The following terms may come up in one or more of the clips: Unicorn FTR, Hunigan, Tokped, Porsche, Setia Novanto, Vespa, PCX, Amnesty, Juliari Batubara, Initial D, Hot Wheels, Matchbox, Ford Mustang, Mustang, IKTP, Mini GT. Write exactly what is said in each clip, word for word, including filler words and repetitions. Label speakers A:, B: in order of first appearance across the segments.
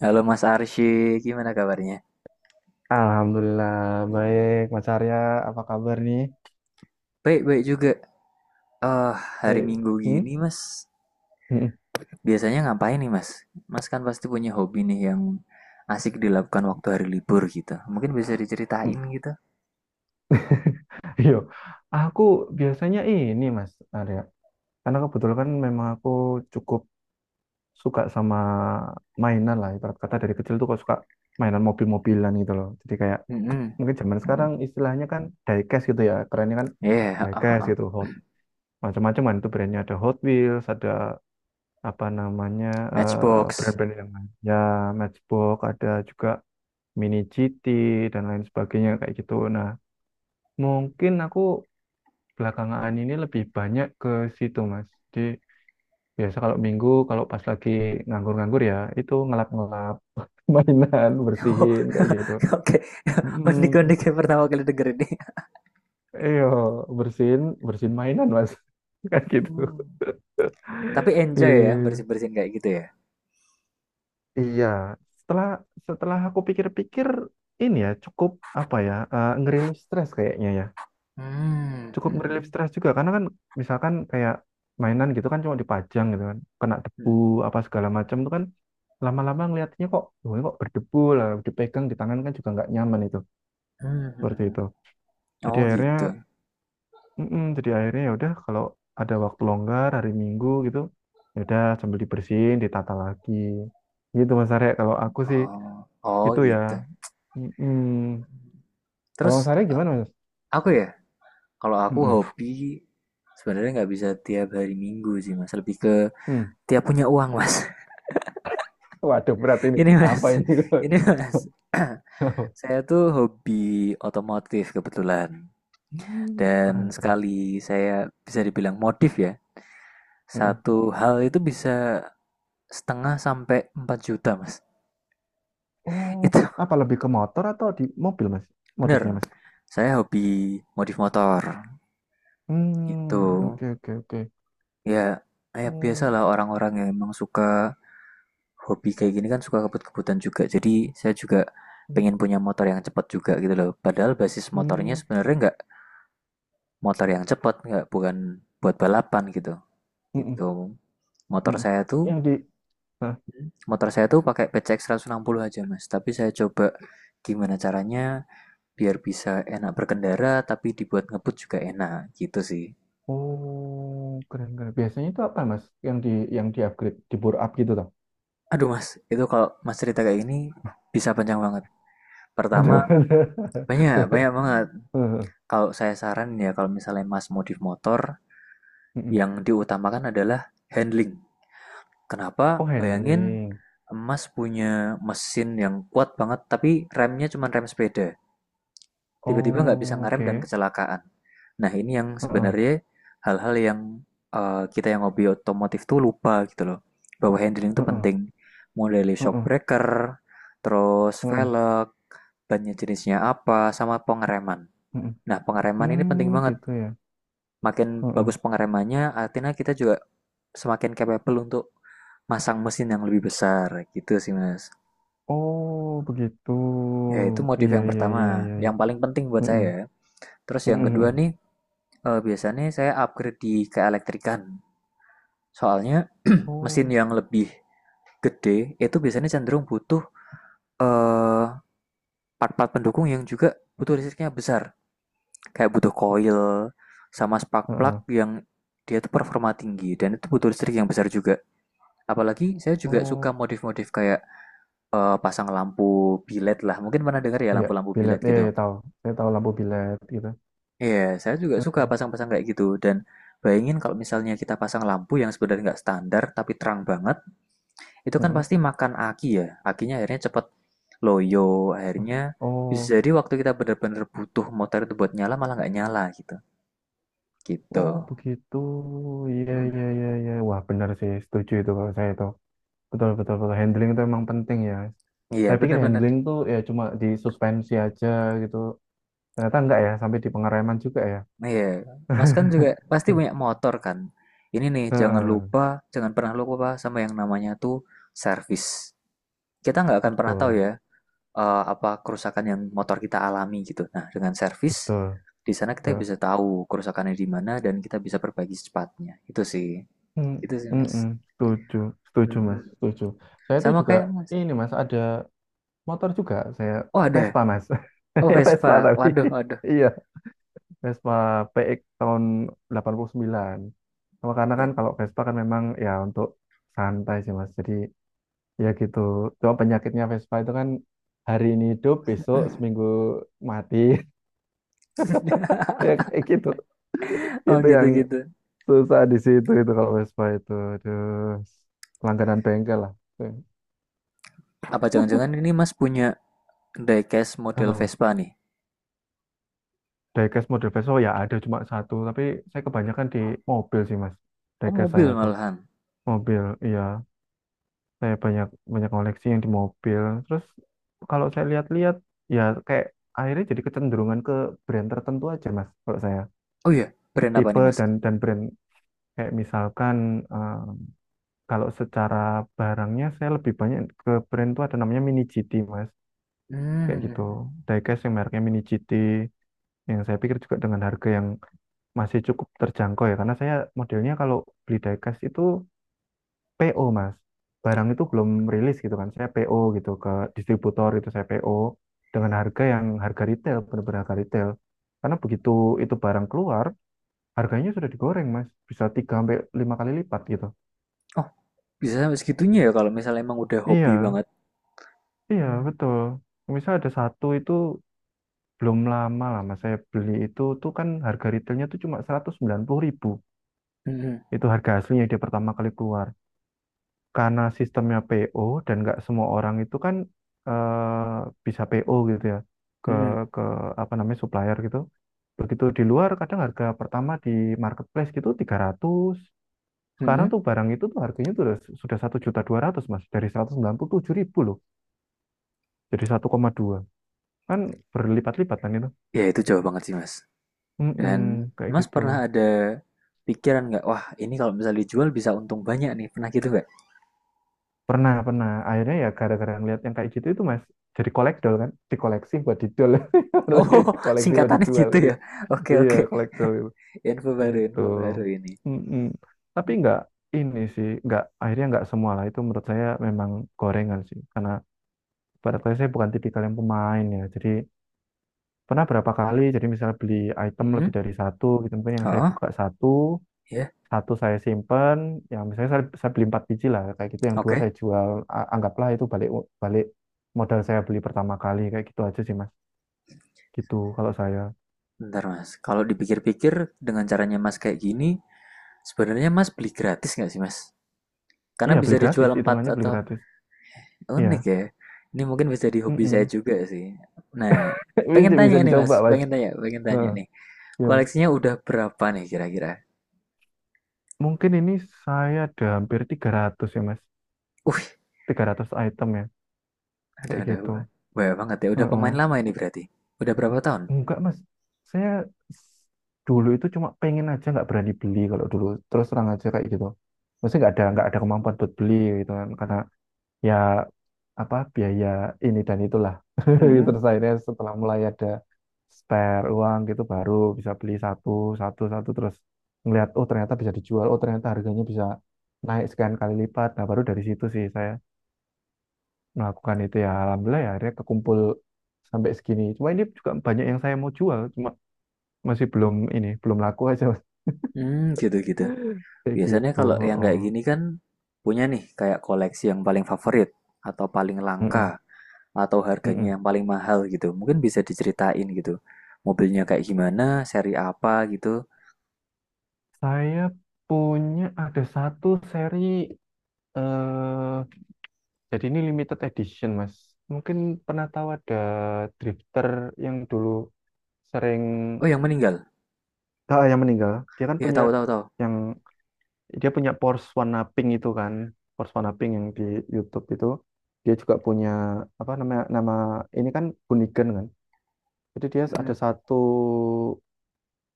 A: Halo Mas Arsy, gimana kabarnya?
B: Alhamdulillah, baik Mas Arya, apa kabar nih?
A: Baik-baik juga. Eh, hari
B: Eh,
A: Minggu
B: hmm?
A: gini Mas,
B: Hmm.
A: biasanya ngapain nih Mas? Mas kan pasti punya hobi nih yang asik dilakukan waktu hari libur gitu. Mungkin bisa diceritain gitu.
B: Yo, aku biasanya ini Mas Arya, karena kebetulan kan memang aku cukup suka sama mainan lah, ibarat kata dari kecil tuh kok suka mainan mobil-mobilan gitu loh, jadi kayak
A: Mm-mm.
B: mungkin zaman
A: Mm-mm.
B: sekarang istilahnya kan diecast gitu ya, kerennya kan
A: Yeah, ah, ah,
B: diecast
A: ah.
B: gitu. Hot, macam-macam kan itu brandnya, ada Hot Wheels, ada apa namanya, eh,
A: Matchbox.
B: brand-brand yang lain ya, Matchbox ada juga, mini G T, dan lain sebagainya kayak gitu. Nah, mungkin aku belakangan ini lebih banyak ke situ, Mas. Jadi biasa kalau Minggu, kalau pas lagi nganggur-nganggur ya, itu ngelap-ngelap mainan,
A: Oh,
B: bersihin kayak gitu.
A: oke.
B: Hmm,
A: Unik-unik yang pertama kali denger ini.
B: iya, bersihin, bersihin mainan, Mas. Kayak gitu.
A: Hmm. Tapi enjoy ya
B: Iya,
A: bersih-bersihin kayak gitu ya.
B: iya. setelah setelah aku pikir-pikir, ini ya cukup apa ya, eh, ngerilis stres kayaknya ya.
A: Hmm.
B: Cukup ngerilis stres juga, karena kan misalkan kayak mainan gitu kan cuma dipajang gitu kan kena debu
A: Hmm.
B: apa segala macam itu kan lama-lama ngeliatnya kok, "Loh, ini kok berdebu lah, dipegang di tangan kan juga nggak nyaman." Itu
A: Hmm.
B: seperti
A: hmm.
B: itu, jadi
A: Oh
B: akhirnya
A: gitu.
B: mm-mm, jadi akhirnya ya udah kalau ada waktu longgar hari Minggu gitu, ya udah sambil dibersihin ditata lagi gitu, Mas Arya, kalau aku sih
A: Oh, oh
B: itu ya.
A: gitu.
B: Mm-mm. Kalau
A: Terus,
B: Mas Arya
A: eee,
B: gimana Mas?
A: aku ya, kalau aku
B: Mm-mm.
A: hobi sebenarnya nggak bisa tiap hari Minggu sih, Mas, lebih ke
B: Hmm.
A: tiap punya uang, Mas.
B: Waduh, berat ini.
A: Ini
B: Apa
A: Mas,
B: ini?
A: ini Mas, saya tuh hobi otomotif kebetulan
B: Hmm,
A: dan
B: keren keren.
A: sekali saya bisa dibilang modif ya,
B: Mm-mm.
A: satu hal itu bisa setengah sampai empat juta Mas.
B: Oh,
A: Itu
B: apa lebih ke motor atau di mobil mas?
A: bener,
B: Modifnya mas?
A: saya hobi modif motor, itu.
B: Hmm, oke oke oke.
A: Ya, ya
B: Hmm,
A: biasalah orang-orang yang emang suka hobi kayak gini kan suka kebut-kebutan juga. Jadi saya juga pengen punya motor yang cepat juga gitu loh. Padahal basis motornya
B: hmm,
A: sebenarnya nggak motor yang cepat, nggak bukan buat balapan gitu.
B: mm-mm,
A: Gitu. Motor
B: mm-mm.
A: saya tuh
B: Yang di, hah?
A: motor saya tuh pakai P C X puluh aja mas. Tapi saya coba gimana caranya biar bisa enak berkendara tapi dibuat ngebut juga enak gitu sih.
B: Oh, keren keren. Biasanya itu apa mas? Yang di yang di upgrade, di bore up gitu toh?
A: Aduh mas, itu kalau mas cerita kayak gini bisa panjang banget.
B: Ada
A: Pertama
B: ada.
A: banyak banyak banget.
B: Heeh,
A: Kalau saya saran ya, kalau misalnya Mas modif motor,
B: mm-mm.
A: yang diutamakan adalah handling.
B: Oh,
A: Kenapa? Bayangin
B: handling.
A: Mas punya mesin yang kuat banget, tapi remnya cuma rem sepeda. Tiba-tiba nggak bisa
B: Oh,
A: ngerem
B: oke.
A: dan kecelakaan. Nah, ini yang
B: Heeh,
A: sebenarnya hal-hal yang eh, kita yang hobi otomotif tuh lupa gitu loh. Bahwa handling itu
B: heeh, heeh,
A: penting. Mulai dari shock
B: heeh,
A: breaker, terus
B: heeh.
A: velg, bannya jenisnya apa, sama pengereman.
B: Hmm,
A: Nah, pengereman ini penting
B: hmm,
A: banget.
B: gitu ya.
A: makin bagus
B: Heeh.
A: pengeremannya, artinya kita juga semakin capable untuk masang mesin yang lebih besar gitu sih mas.
B: Oh, begitu.
A: Ya itu motif
B: Iya,
A: yang
B: iya, iya, iya,
A: pertama,
B: iya.
A: yang paling penting buat
B: Mm-mm.
A: saya. Terus yang
B: Mm-mm,
A: kedua
B: mm-mm.
A: nih, eh, biasanya saya upgrade di keelektrikan. Soalnya mesin
B: Oh,
A: yang lebih gede itu biasanya cenderung butuh eh, part-part pendukung yang juga butuh listriknya besar. Kayak butuh coil sama spark plug
B: heeh.
A: yang dia tuh performa tinggi dan itu butuh listrik yang besar juga. Apalagi saya juga
B: Oh,
A: suka modif-modif kayak eh, pasang lampu bilet lah. Mungkin pernah dengar ya
B: iya,
A: lampu-lampu
B: bilet.
A: bilet
B: Iya,
A: gitu.
B: iya, tahu. Saya tahu labu bilet gitu.
A: Iya, yeah, saya juga suka
B: Heeh.
A: pasang-pasang kayak gitu. Dan bayangin kalau misalnya kita pasang lampu yang sebenarnya nggak standar tapi terang banget, itu kan
B: Mm-mm.
A: pasti makan aki ya. Akinya akhirnya cepet loyo,
B: So-
A: akhirnya bisa
B: Oh,
A: jadi waktu kita benar-benar butuh motor itu buat nyala malah nggak nyala gitu. Gitu.
B: oh, begitu. Iya,
A: Mm.
B: iya, iya, iya. Wah, benar sih. Setuju itu kalau saya itu. Betul, betul, betul. Handling itu emang penting ya.
A: Iya,
B: Saya pikir
A: benar bener.
B: handling tuh ya cuma di suspensi aja gitu. Ternyata enggak ya, sampai di pengereman juga ya.
A: Nah, Iya, Mas kan juga pasti punya motor kan. Ini nih, jangan
B: Heeh,
A: lupa, jangan pernah lupa sama yang namanya tuh servis. Kita nggak akan pernah tahu
B: betul,
A: ya eh, apa kerusakan yang motor kita alami gitu. Nah, dengan servis
B: betul,
A: di sana kita
B: betul.
A: bisa tahu kerusakannya di mana dan kita bisa perbaiki secepatnya. Itu sih,
B: Hmm,
A: itu sih
B: mm-mm,
A: Mas.
B: setuju, setuju mas,
A: Mm-mm.
B: setuju. Saya itu
A: Sama
B: juga
A: kayak Mas.
B: ini mas, ada motor juga, saya
A: Oh ada,
B: Vespa mas.
A: oh
B: Saya Vespa,
A: Vespa.
B: tapi
A: Waduh, waduh.
B: iya, Vespa P X tahun delapan puluh sembilan. Cuma karena kan
A: Berat.
B: kalau Vespa kan memang ya untuk santai sih mas, jadi ya gitu. Cuma penyakitnya Vespa itu kan hari ini hidup, besok seminggu mati, ya kayak gitu.
A: Oh
B: Itu yang
A: gitu-gitu.
B: susah di situ itu kalau Vespa itu, aduh, langganan bengkel lah.
A: Apa jangan-jangan ini Mas punya diecast
B: Apa
A: model
B: mas,
A: Vespa nih?
B: diecast model Vespa ya ada cuma satu, tapi saya kebanyakan di mobil sih mas.
A: Oh
B: Diecast
A: mobil
B: saya tuh
A: malahan.
B: mobil, iya, saya banyak banyak koleksi yang di mobil. Terus kalau saya lihat-lihat ya kayak akhirnya jadi kecenderungan ke brand tertentu aja mas, kalau saya,
A: Oh iya, brand apa nih
B: tipe
A: Mas?
B: dan dan brand kayak misalkan, eh, kalau secara barangnya saya lebih banyak ke brand tuh, ada namanya Mini G T mas, kayak gitu.
A: Mmm,
B: Diecast yang mereknya Mini G T, yang saya pikir juga dengan harga yang masih cukup terjangkau ya, karena saya modelnya kalau beli diecast itu P O mas, barang itu belum rilis gitu kan, saya P O gitu ke distributor, itu saya P O dengan harga yang harga retail, benar-benar harga retail. Karena begitu itu barang keluar, harganya sudah digoreng mas, bisa tiga sampai lima kali lipat gitu.
A: oh, bisa sampai segitunya ya kalau misalnya emang udah hobi
B: Iya,
A: banget.
B: iya
A: Mmm,
B: betul. Misal ada satu itu belum lama lah mas, saya beli itu, tuh kan harga retailnya tuh cuma seratus sembilan puluh ribu.
A: mhm,
B: Itu harga aslinya dia pertama kali keluar. Karena sistemnya P O, dan nggak semua orang itu kan, eh, bisa P O gitu ya, ke
A: mhm,
B: ke apa namanya, supplier gitu. Begitu di luar kadang harga pertama di marketplace gitu tiga ratus. Sekarang
A: mhm,
B: tuh barang itu tuh harganya tuh udah, sudah satu juta dua ratus Mas, dari seratus sembilan puluh tujuh ribu loh. Jadi satu koma dua kan, berlipat-lipat kan itu.
A: ya itu jauh banget sih Mas.
B: Mm-mm,
A: Dan
B: kayak
A: Mas
B: gitu.
A: pernah ada pikiran nggak, "Wah ini kalau misalnya dijual bisa untung banyak nih," pernah gitu nggak?
B: Pernah, pernah. Akhirnya ya gara-gara ngeliat yang kayak gitu itu Mas, jadi kolekdol kan, dikoleksi buat dijual.
A: Oh
B: Koleksi buat
A: singkatannya
B: dijual
A: gitu
B: kan
A: ya?
B: gitu.
A: Oke
B: Iya,
A: oke,
B: kolektor itu.
A: info baru
B: Itu.
A: info baru ini.
B: Mm-mm. Tapi nggak ini sih, nggak akhirnya nggak semua lah. Itu menurut saya memang gorengan sih, karena pada saya saya bukan tipikal yang pemain ya. Jadi pernah berapa kali, jadi misalnya beli item
A: Mhm,
B: lebih dari satu gitu, mungkin yang saya
A: heeh,
B: buka satu,
A: iya,
B: satu saya simpen, yang misalnya saya, saya beli empat biji lah, kayak gitu, yang dua
A: oke.
B: saya jual, A- anggaplah itu balik balik modal, saya beli pertama kali kayak gitu aja sih Mas. Gitu kalau saya.
A: Bentar Mas, kalau dipikir-pikir dengan caranya Mas kayak gini, sebenarnya Mas beli gratis nggak sih Mas? Karena
B: Iya,
A: bisa
B: beli gratis,
A: dijual empat
B: hitungannya beli
A: atau.
B: gratis. Iya.
A: Unik ya. Ini mungkin bisa di hobi saya
B: Mm-mm.
A: juga sih. Nah, pengen
B: Bisa,
A: tanya
B: bisa
A: nih Mas,
B: dicoba, Mas.
A: pengen tanya, pengen tanya
B: Heeh,
A: nih.
B: ya.
A: Koleksinya udah berapa nih kira-kira?
B: Mungkin ini saya ada hampir tiga ratus ya, Mas.
A: Wih,
B: Tiga ratus item ya,
A: ada
B: kayak
A: ada
B: gitu.
A: banyak banget ya. Udah pemain
B: Heeh.
A: lama ini berarti. Udah berapa tahun?
B: Enggak, Mas. Saya s- dulu itu cuma pengen aja, nggak berani beli kalau dulu. Terus terang aja kayak gitu. Maksudnya nggak ada
A: Hmm,
B: nggak ada kemampuan buat beli gitu kan. Karena ya apa, biaya ini dan itulah,
A: hmm,
B: terus akhirnya setelah mulai ada spare uang gitu, baru bisa beli satu satu satu, terus ngelihat oh ternyata bisa dijual, oh ternyata harganya bisa naik sekian kali lipat, nah baru dari situ sih saya melakukan itu ya, alhamdulillah ya, akhirnya kekumpul sampai segini. Cuma ini juga banyak yang saya mau jual, cuma masih belum ini, belum laku aja Mas.
A: hmm, gitu-gitu.
B: Kayak
A: Biasanya
B: gitu.
A: kalau yang
B: Heeh.
A: kayak gini kan punya nih kayak koleksi yang paling favorit atau paling
B: Mm-mm.
A: langka atau
B: Mm-mm.
A: harganya yang paling mahal gitu. Mungkin bisa diceritain gitu. Mobilnya kayak gimana, seri apa gitu.
B: Saya punya, ada satu seri, eh jadi ini limited edition, Mas. Mungkin pernah tahu, ada drifter yang dulu sering,
A: Oh, yang meninggal.
B: ah, yang meninggal. Dia kan
A: Ya,
B: punya,
A: tahu tahu tahu.
B: yang dia punya Porsche warna pink itu kan. Porsche warna pink yang di YouTube itu. Dia juga punya apa namanya, nama ini kan Hunigan kan. Jadi dia ada
A: Mhm.
B: satu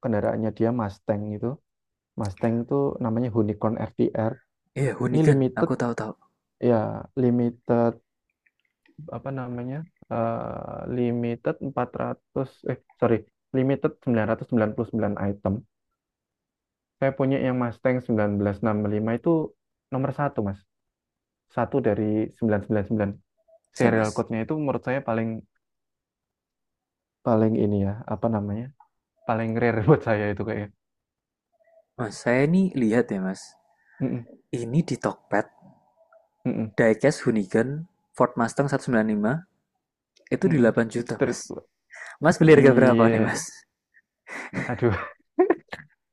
B: kendaraannya dia Mustang itu. Mustang itu namanya Unicorn F T R.
A: Iya,
B: Ini
A: Hunigan.
B: limited
A: Aku tahu-tahu.
B: ya, limited apa namanya, eh, limited empat ratus, eh sorry limited sembilan sembilan ratus sembilan puluh sembilan item. Saya punya yang Mustang seribu sembilan ratus enam puluh lima itu nomor satu mas, satu dari sembilan sembilan sembilan.
A: Saya,
B: Serial
A: Mas.
B: code-nya itu menurut saya paling paling ini ya apa namanya, paling rare buat saya itu kayaknya.
A: Mas, saya ini lihat ya, Mas.
B: Mm-mm,
A: Ini di Tokped,
B: mm-mm,
A: diecast Hunigan Ford Mustang seratus sembilan puluh lima itu di
B: mm-mm.
A: delapan juta,
B: Street
A: Mas. Mas beli harga berapa nih,
B: iya,
A: Mas?
B: aduh,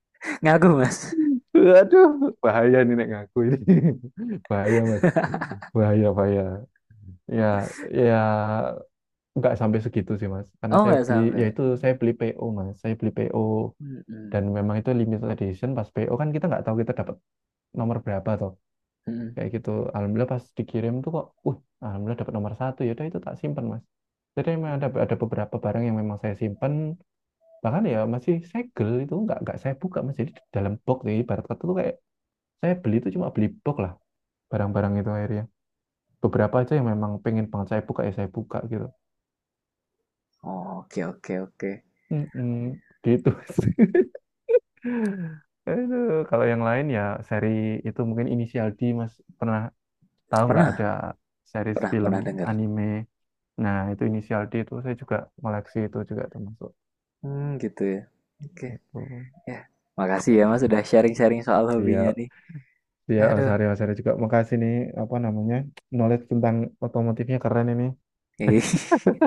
A: Ngaku, Mas.
B: aduh, bahaya nih nek ngaku ini, bahaya mas, bahaya bahaya, ya ya, nggak sampai segitu sih mas, karena
A: Oh,
B: saya
A: nggak
B: beli
A: sampai.
B: ya itu, saya beli P O mas, saya beli P O.
A: Mm-mm.
B: Dan memang itu limited edition, pas P O kan kita nggak tahu kita dapat nomor berapa toh,
A: Mm-mm.
B: kayak gitu. Alhamdulillah pas dikirim tuh kok, uh alhamdulillah dapat nomor satu. Ya udah itu tak simpan mas, jadi memang ada
A: Mm.
B: ada beberapa barang yang memang saya simpan, bahkan ya masih segel itu nggak nggak saya buka mas. Jadi dalam box nih, ibarat kata tuh kayak saya beli itu cuma beli box lah. Barang-barang itu akhirnya beberapa aja yang memang pengen banget saya buka, ya saya buka gitu.
A: Oh, Oke, oke, oke.
B: Mm-mm, gitu sih. Aduh, kalau yang lain ya seri itu mungkin Inisial D Mas, pernah tahu nggak,
A: Pernah,
B: ada series
A: pernah,
B: film
A: pernah dengar.
B: anime. Nah, itu Inisial D itu saya juga koleksi, itu juga termasuk
A: Hmm, gitu ya. Oke,
B: itu.
A: ya. Makasih ya, Mas, sudah sharing-sharing soal hobinya
B: Iya,
A: nih.
B: iya
A: Aduh.
B: Osari Osari juga makasih nih, apa namanya, knowledge tentang otomotifnya keren ini.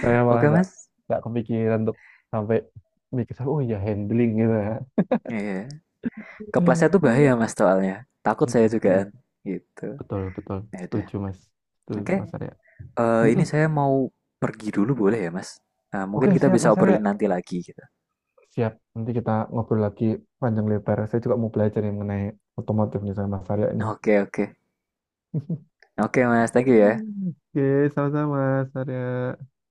B: Saya malah
A: Oke,
B: nggak
A: Mas.
B: nggak kepikiran untuk sampai mikir oh iya handling gitu ya.
A: Iya. Kepleset tuh bahaya
B: Mm,
A: Mas soalnya. Takut saya
B: mm,
A: juga
B: mm.
A: kan. Gitu.
B: Betul, betul.
A: Ya udah.
B: Setuju Mas. Itu
A: Oke.
B: Mas Arya.
A: Eh
B: Mm,
A: ini
B: mm.
A: saya mau pergi dulu boleh ya Mas? Nah, mungkin
B: Oke,
A: kita
B: siap
A: bisa
B: Mas Arya.
A: obrolin nanti lagi gitu.
B: Siap. Nanti kita ngobrol lagi panjang lebar. Saya juga mau belajar yang mengenai otomotif nih sama Mas Arya
A: Nah,
B: ini.
A: Oke, okay, oke. Okay. Oke okay, Mas, thank you ya.
B: Oke, sama-sama Mas Arya.